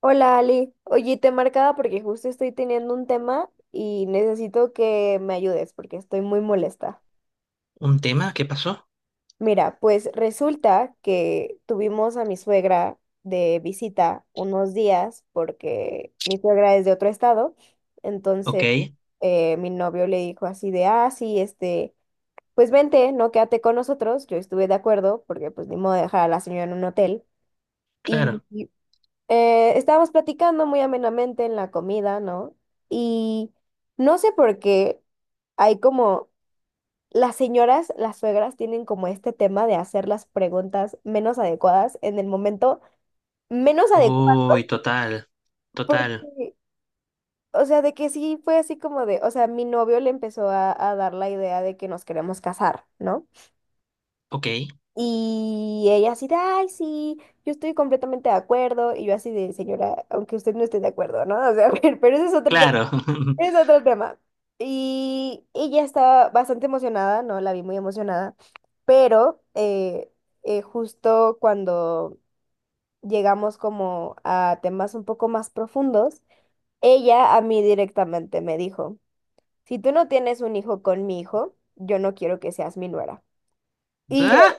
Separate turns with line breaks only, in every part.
Hola Ali, oye, te marcaba porque justo estoy teniendo un tema y necesito que me ayudes porque estoy muy molesta.
¿Un tema? ¿Qué pasó?
Mira, pues resulta que tuvimos a mi suegra de visita unos días porque mi suegra es de otro estado,
Ok,
entonces mi novio le dijo así de, ah, sí, este, pues vente, no quédate con nosotros, yo estuve de acuerdo porque pues ni modo de dejar a la señora en un hotel. Y
claro.
estábamos platicando muy amenamente en la comida, ¿no? Y no sé por qué hay como, las señoras, las suegras tienen como este tema de hacer las preguntas menos adecuadas en el momento menos adecuado,
Uy, total, total.
porque, o sea, de que sí fue así como de, o sea, mi novio le empezó a dar la idea de que nos queremos casar, ¿no?
Ok,
Y ella así de, ay, sí, yo estoy completamente de acuerdo, y yo así de, señora, aunque usted no esté de acuerdo, ¿no? O sea, pero ese es otro tema.
claro.
Es otro tema. Y ella estaba bastante emocionada, ¿no? La vi muy emocionada, pero justo cuando llegamos como a temas un poco más profundos, ella a mí directamente me dijo, si tú no tienes un hijo con mi hijo, yo no quiero que seas mi nuera. Y yo,
Ah,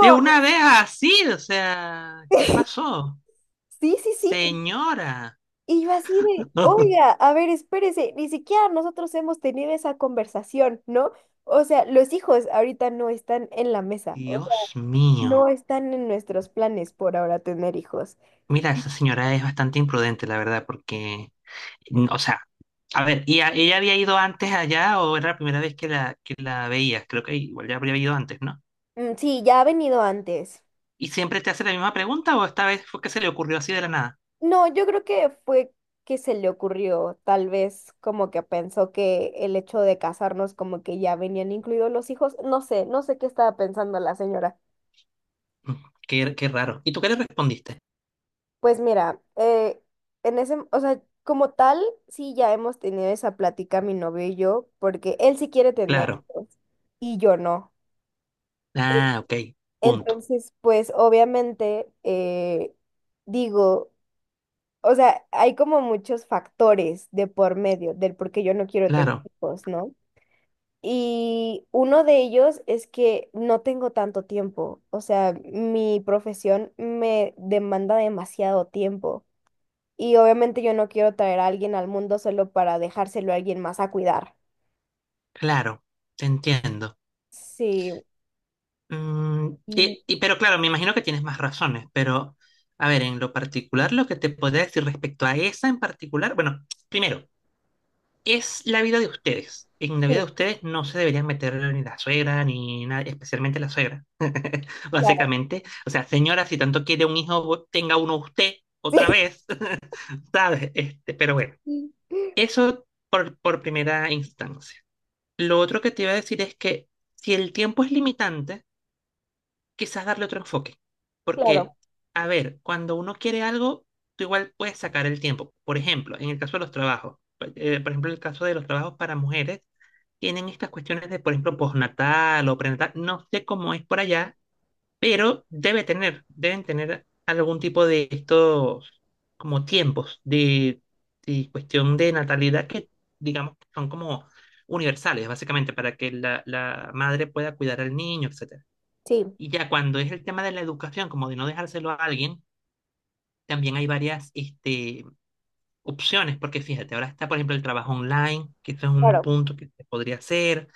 de una vez así, o sea, ¿qué pasó?
Sí, sí, sí.
Señora.
Y yo así de, oiga, a ver, espérese, ni siquiera nosotros hemos tenido esa conversación, ¿no? O sea, los hijos ahorita no están en la mesa, o sea,
Dios
no
mío.
están en nuestros planes por ahora tener hijos.
Mira, esa señora es bastante imprudente, la verdad, porque, o sea, a ver, ¿ ella había ido antes allá o era la primera vez que que la veías? Creo que igual ya habría ido antes, ¿no?
Mm, sí, ya ha venido antes.
¿Y siempre te hace la misma pregunta o esta vez fue que se le ocurrió así de la nada?
No, yo creo que fue que se le ocurrió, tal vez como que pensó que el hecho de casarnos como que ya venían incluidos los hijos, no sé, no sé qué estaba pensando la señora.
Mm, qué, qué raro. ¿Y tú qué le respondiste?
Pues mira, en ese, o sea, como tal, sí ya hemos tenido esa plática mi novio y yo, porque él sí quiere tener
Claro.
hijos y yo no.
Ah, ok. Punto.
Entonces, pues obviamente, digo, o sea, hay como muchos factores de por medio del por qué yo no quiero tener
Claro,
hijos, ¿no? Y uno de ellos es que no tengo tanto tiempo, o sea, mi profesión me demanda demasiado tiempo. Y obviamente yo no quiero traer a alguien al mundo solo para dejárselo a alguien más a cuidar.
claro. Te entiendo.
Sí, y
Pero claro, me imagino que tienes más razones, pero a ver, en lo particular, lo que te podría decir respecto a esa en particular, bueno, primero, es la vida de ustedes. En la vida de
sí,
ustedes no se deberían meter ni la suegra, ni nada especialmente la suegra.
claro,
Básicamente, o sea, señora, si tanto quiere un hijo, tenga uno usted otra vez. ¿Sabes? Este, pero bueno.
sí,
Eso por primera instancia. Lo otro que te iba a decir es que si el tiempo es limitante, quizás darle otro enfoque.
claro,
Porque, a ver, cuando uno quiere algo, tú igual puedes sacar el tiempo. Por ejemplo, en el caso de los trabajos, por ejemplo, el caso de los trabajos para mujeres, tienen estas cuestiones de, por ejemplo, postnatal o prenatal. No sé cómo es por allá, pero debe tener, deben tener algún tipo de estos como tiempos de cuestión de natalidad que digamos que son como universales, básicamente, para que la madre pueda cuidar al niño, etcétera.
sí,
Y ya cuando es el tema de la educación, como de no dejárselo a alguien, también hay varias este, opciones, porque fíjate, ahora está, por ejemplo, el trabajo online, que esto es un
claro,
punto que se podría hacer,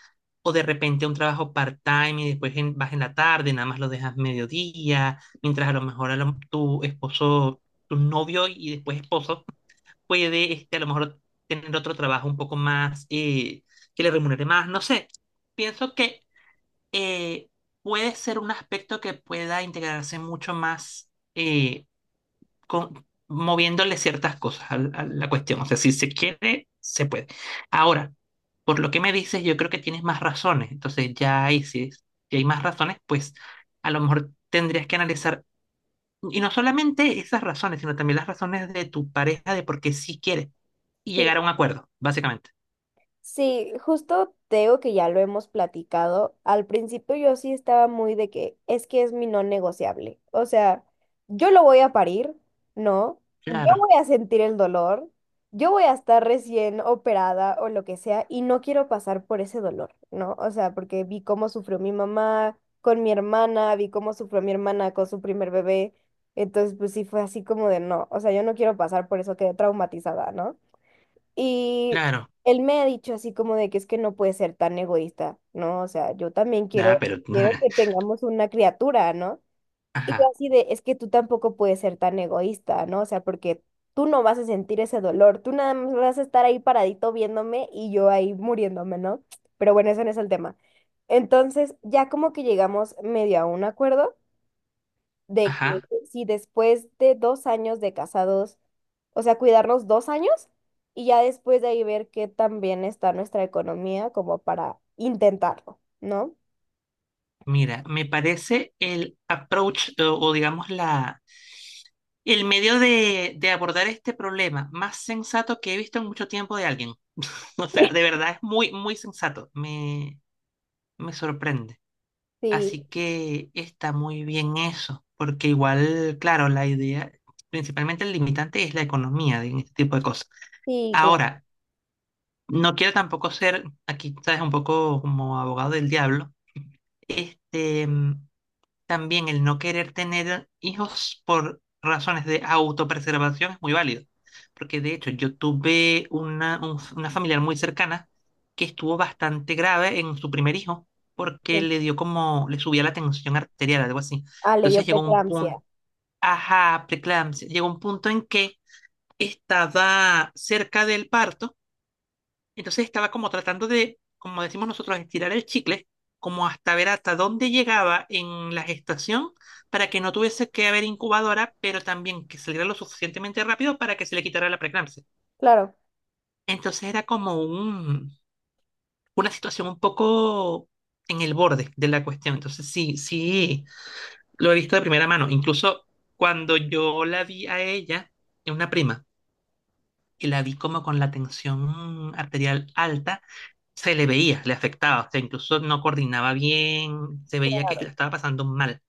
o de repente un trabajo part-time y después vas en la tarde, nada más lo dejas mediodía, mientras a lo mejor tu esposo, tu novio y después esposo puede este, a lo mejor tener otro trabajo un poco más, que le remunere más, no sé. Pienso que eh, puede ser un aspecto que pueda integrarse mucho más. eh, moviéndole ciertas cosas a, la cuestión. O sea, si se quiere, se puede. Ahora, por lo que me dices, yo creo que tienes más razones. Entonces, ya ahí sí, si hay más razones, pues a lo mejor tendrías que analizar, y no solamente esas razones, sino también las razones de tu pareja de por qué sí quiere y
sí.
llegar a un acuerdo, básicamente.
Sí, justo te digo que ya lo hemos platicado. Al principio yo sí estaba muy de que es mi no negociable. O sea, yo lo voy a parir, ¿no? Yo
Claro,
voy a sentir el dolor, yo voy a estar recién operada o lo que sea y no quiero pasar por ese dolor, ¿no? O sea, porque vi cómo sufrió mi mamá con mi hermana, vi cómo sufrió mi hermana con su primer bebé. Entonces, pues sí fue así como de no, o sea, yo no quiero pasar por eso, quedé traumatizada, ¿no? Y
claro.
él me ha dicho así como de que es que no puede ser tan egoísta, ¿no? O sea, yo también
Ah,
quiero,
pero,
quiero que tengamos una criatura, ¿no? Y yo
ajá,
así de, es que tú tampoco puedes ser tan egoísta, ¿no? O sea, porque tú no vas a sentir ese dolor, tú nada más vas a estar ahí paradito viéndome y yo ahí muriéndome, ¿no? Pero bueno, ese no es el tema. Entonces, ya como que llegamos medio a un acuerdo de que
ajá.
si después de 2 años de casados, o sea, cuidarnos 2 años y ya después de ahí ver qué tan bien está nuestra economía como para intentarlo, ¿no?
Mira, me parece el approach o digamos la el medio de abordar este problema más sensato que he visto en mucho tiempo de alguien. O sea, de verdad es muy, muy sensato. Me sorprende.
Sí,
Así que está muy bien eso, porque igual, claro, la idea, principalmente el limitante es la economía de en este tipo de cosas.
sí, claro.
Ahora, no quiero tampoco ser, aquí sabes, un poco como abogado del diablo, este, mm, también el no querer tener hijos por razones de autopreservación es muy válido, porque de hecho yo tuve una, una familiar muy cercana que estuvo bastante grave en su primer hijo porque
Sí.
le dio como, le subía la tensión arterial, algo así.
Ah, le dio
Entonces llegó un
preeclampsia.
punto, ajá, preeclampsia, llegó un punto en que estaba cerca del parto entonces estaba como tratando de, como decimos nosotros, estirar el chicle, como hasta ver hasta dónde llegaba en la gestación para que no tuviese que haber incubadora, pero también que saliera lo suficientemente rápido para que se le quitara la preeclampsia.
Claro,
Entonces era como un, una situación un poco en el borde de la cuestión. Entonces sí, sí, lo he visto de primera mano. Incluso cuando yo la vi a ella, es una prima, y la vi como con la tensión arterial alta se le veía, le afectaba, o sea, incluso no coordinaba bien, se veía que la
claro,
estaba pasando mal.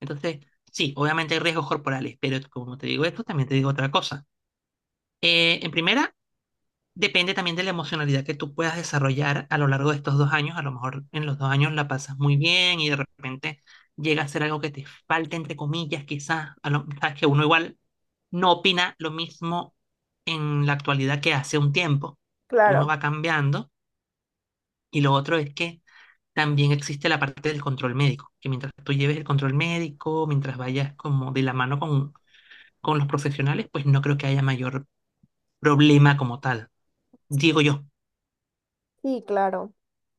Entonces, sí, obviamente hay riesgos corporales, pero como te digo esto, también te digo otra cosa. En primera, depende también de la emocionalidad que tú puedas desarrollar a lo largo de estos dos años. A lo mejor en los dos años la pasas muy bien y de repente llega a ser algo que te falta, entre comillas, quizás, a lo, sabes que uno igual no opina lo mismo en la actualidad que hace un tiempo. Uno
claro.
va cambiando y lo otro es que también existe la parte del control médico, que mientras tú lleves el control médico, mientras vayas como de la mano con los profesionales, pues no creo que haya mayor problema como tal, digo yo.
Sí, claro.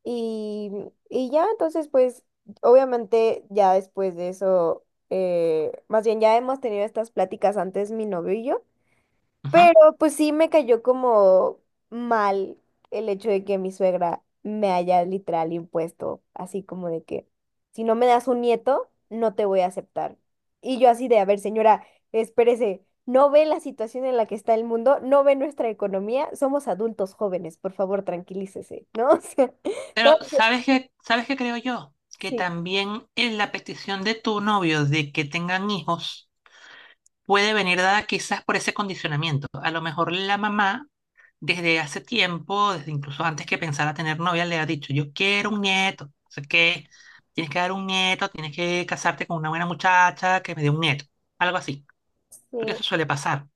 Y, y ya entonces, pues, obviamente ya después de eso, más bien ya hemos tenido estas pláticas antes mi novio y yo.
Ujú.
Pero pues sí me cayó como mal el hecho de que mi suegra me haya literal impuesto, así como de que si no me das un nieto, no te voy a aceptar. Y yo así de, a ver, señora, espérese, no ve la situación en la que está el mundo, no ve nuestra economía, somos adultos jóvenes, por favor, tranquilícese, ¿no? O sea,
Pero
entonces,
sabes qué creo yo? Que
sí,
también en la petición de tu novio de que tengan hijos puede venir dada quizás por ese condicionamiento. A lo mejor la mamá desde hace tiempo, desde incluso antes que pensara tener novia, le ha dicho, yo quiero un nieto, o sea que tienes que dar un nieto, tienes que casarte con una buena muchacha que me dé un nieto, algo así, porque
sí,
eso suele pasar.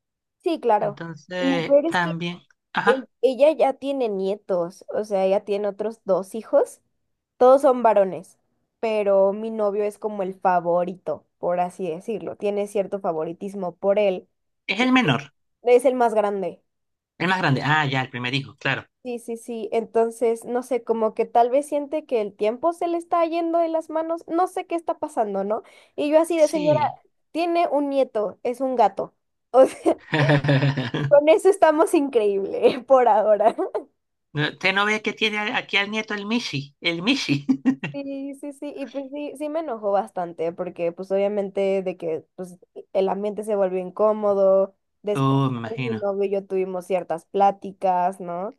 sí, claro. Lo
Entonces,
peor es que
también, ajá,
ella ya tiene nietos, o sea, ella tiene otros dos hijos. Todos son varones, pero mi novio es como el favorito, por así decirlo. Tiene cierto favoritismo por él
es
y
el menor,
es el más grande.
el más grande. Ah, ya, el primer hijo, claro.
Sí, sí, sí. Entonces, no sé, como que tal vez siente que el tiempo se le está yendo de las manos. No sé qué está pasando, ¿no? Y yo así de señora,
Sí.
tiene un nieto, es un gato. O sea, con eso estamos increíble por ahora.
No, ¿usted no ve que tiene aquí al nieto el Mishi? El Mishi.
Sí, sí, sí, y pues sí, sí me enojó bastante, porque pues obviamente de que pues el ambiente se volvió incómodo, después
Oh, me
pues, mi
imagino.
novio y yo tuvimos ciertas pláticas, ¿no?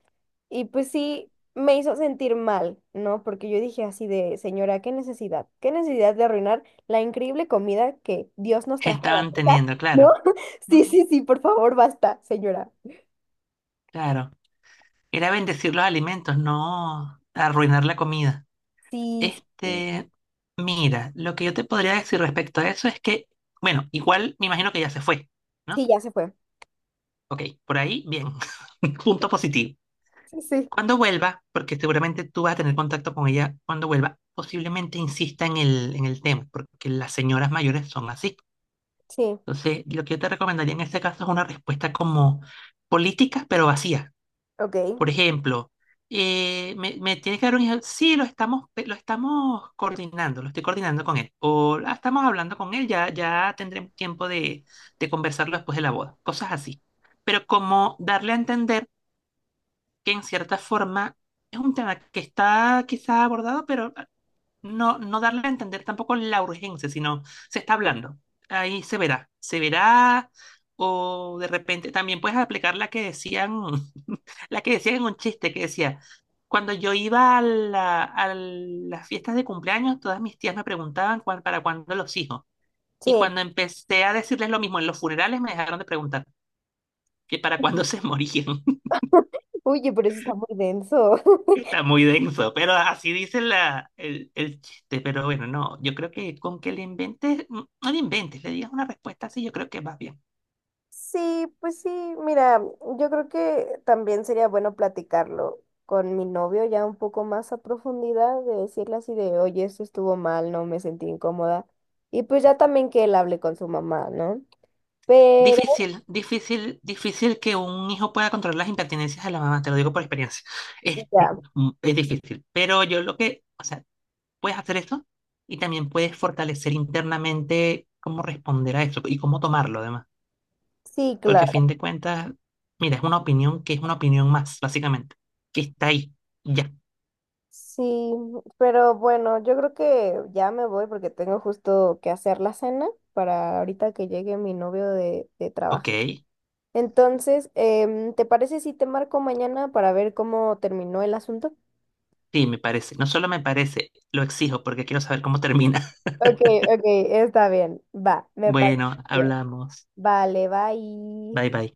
Y pues sí, me hizo sentir mal, ¿no? Porque yo dije así de, señora, qué necesidad de arruinar la increíble comida que Dios nos
¿Qué
trajo a la
estaban
mesa,
teniendo?
¿no?
Claro. ¿No?
Sí, sí, sí, por favor, basta, señora.
Claro. Era bendecir los alimentos, no arruinar la comida.
Sí, sí, sí,
Este, mira, lo que yo te podría decir respecto a eso es que, bueno, igual me imagino que ya se fue, ¿no?
sí, ya se fue.
Ok, por ahí, bien. Punto positivo.
Sí, sí,
Cuando vuelva, porque seguramente tú vas a tener contacto con ella cuando vuelva, posiblemente insista en en el tema, porque las señoras mayores son así.
sí,
Entonces, lo que yo te recomendaría en este caso es una respuesta como política, pero vacía.
ok,
Por ejemplo, me, me tienes que dar un ejemplo. Sí, lo estamos, lo estamos coordinando, lo estoy coordinando con él. O "Ah, estamos hablando con él, ya, ya tendremos tiempo de conversarlo después de la boda. Cosas así. Pero como darle a entender que en cierta forma es un tema que está quizá abordado, pero no, no darle a entender tampoco la urgencia, sino se está hablando. Ahí se verá, o de repente también puedes aplicar la que decían, la que decían en un chiste que decía, cuando yo iba a a las fiestas de cumpleaños, todas mis tías me preguntaban para cuándo los hijos. Y
sí.
cuando empecé a decirles lo mismo en los funerales, me dejaron de preguntar que para cuándo se morían.
Oye, pero eso está muy denso.
Está muy denso, pero así dice la, el chiste. Pero bueno, no, yo creo que con que le inventes, mm, no le inventes, le digas una respuesta así, yo creo que va bien.
Sí, pues sí, mira, yo creo que también sería bueno platicarlo con mi novio ya un poco más a profundidad, de decirle así de, oye, esto estuvo mal, no me sentí incómoda. Y pues ya también que él hable con su mamá, ¿no? Pero
Difícil, difícil, difícil que un hijo pueda controlar las impertinencias de la mamá, te lo digo por experiencia. Este,
ya,
mm, es difícil, pero yo lo que, o sea, puedes hacer eso y también puedes fortalecer internamente cómo responder a eso y cómo tomarlo además,
sí,
porque a fin
claro.
de cuentas, mira, es una opinión que es una opinión más, básicamente, que está ahí, ya,
Sí, pero bueno, yo creo que ya me voy porque tengo justo que hacer la cena para ahorita que llegue mi novio de
ok.
trabajar. Entonces, ¿te parece si te marco mañana para ver cómo terminó el asunto?
Sí, me parece. No solo me parece, lo exijo porque quiero saber cómo termina.
Ok, ok, está bien. Va, me parece
Bueno,
bien.
hablamos.
Vale, bye.
Bye bye.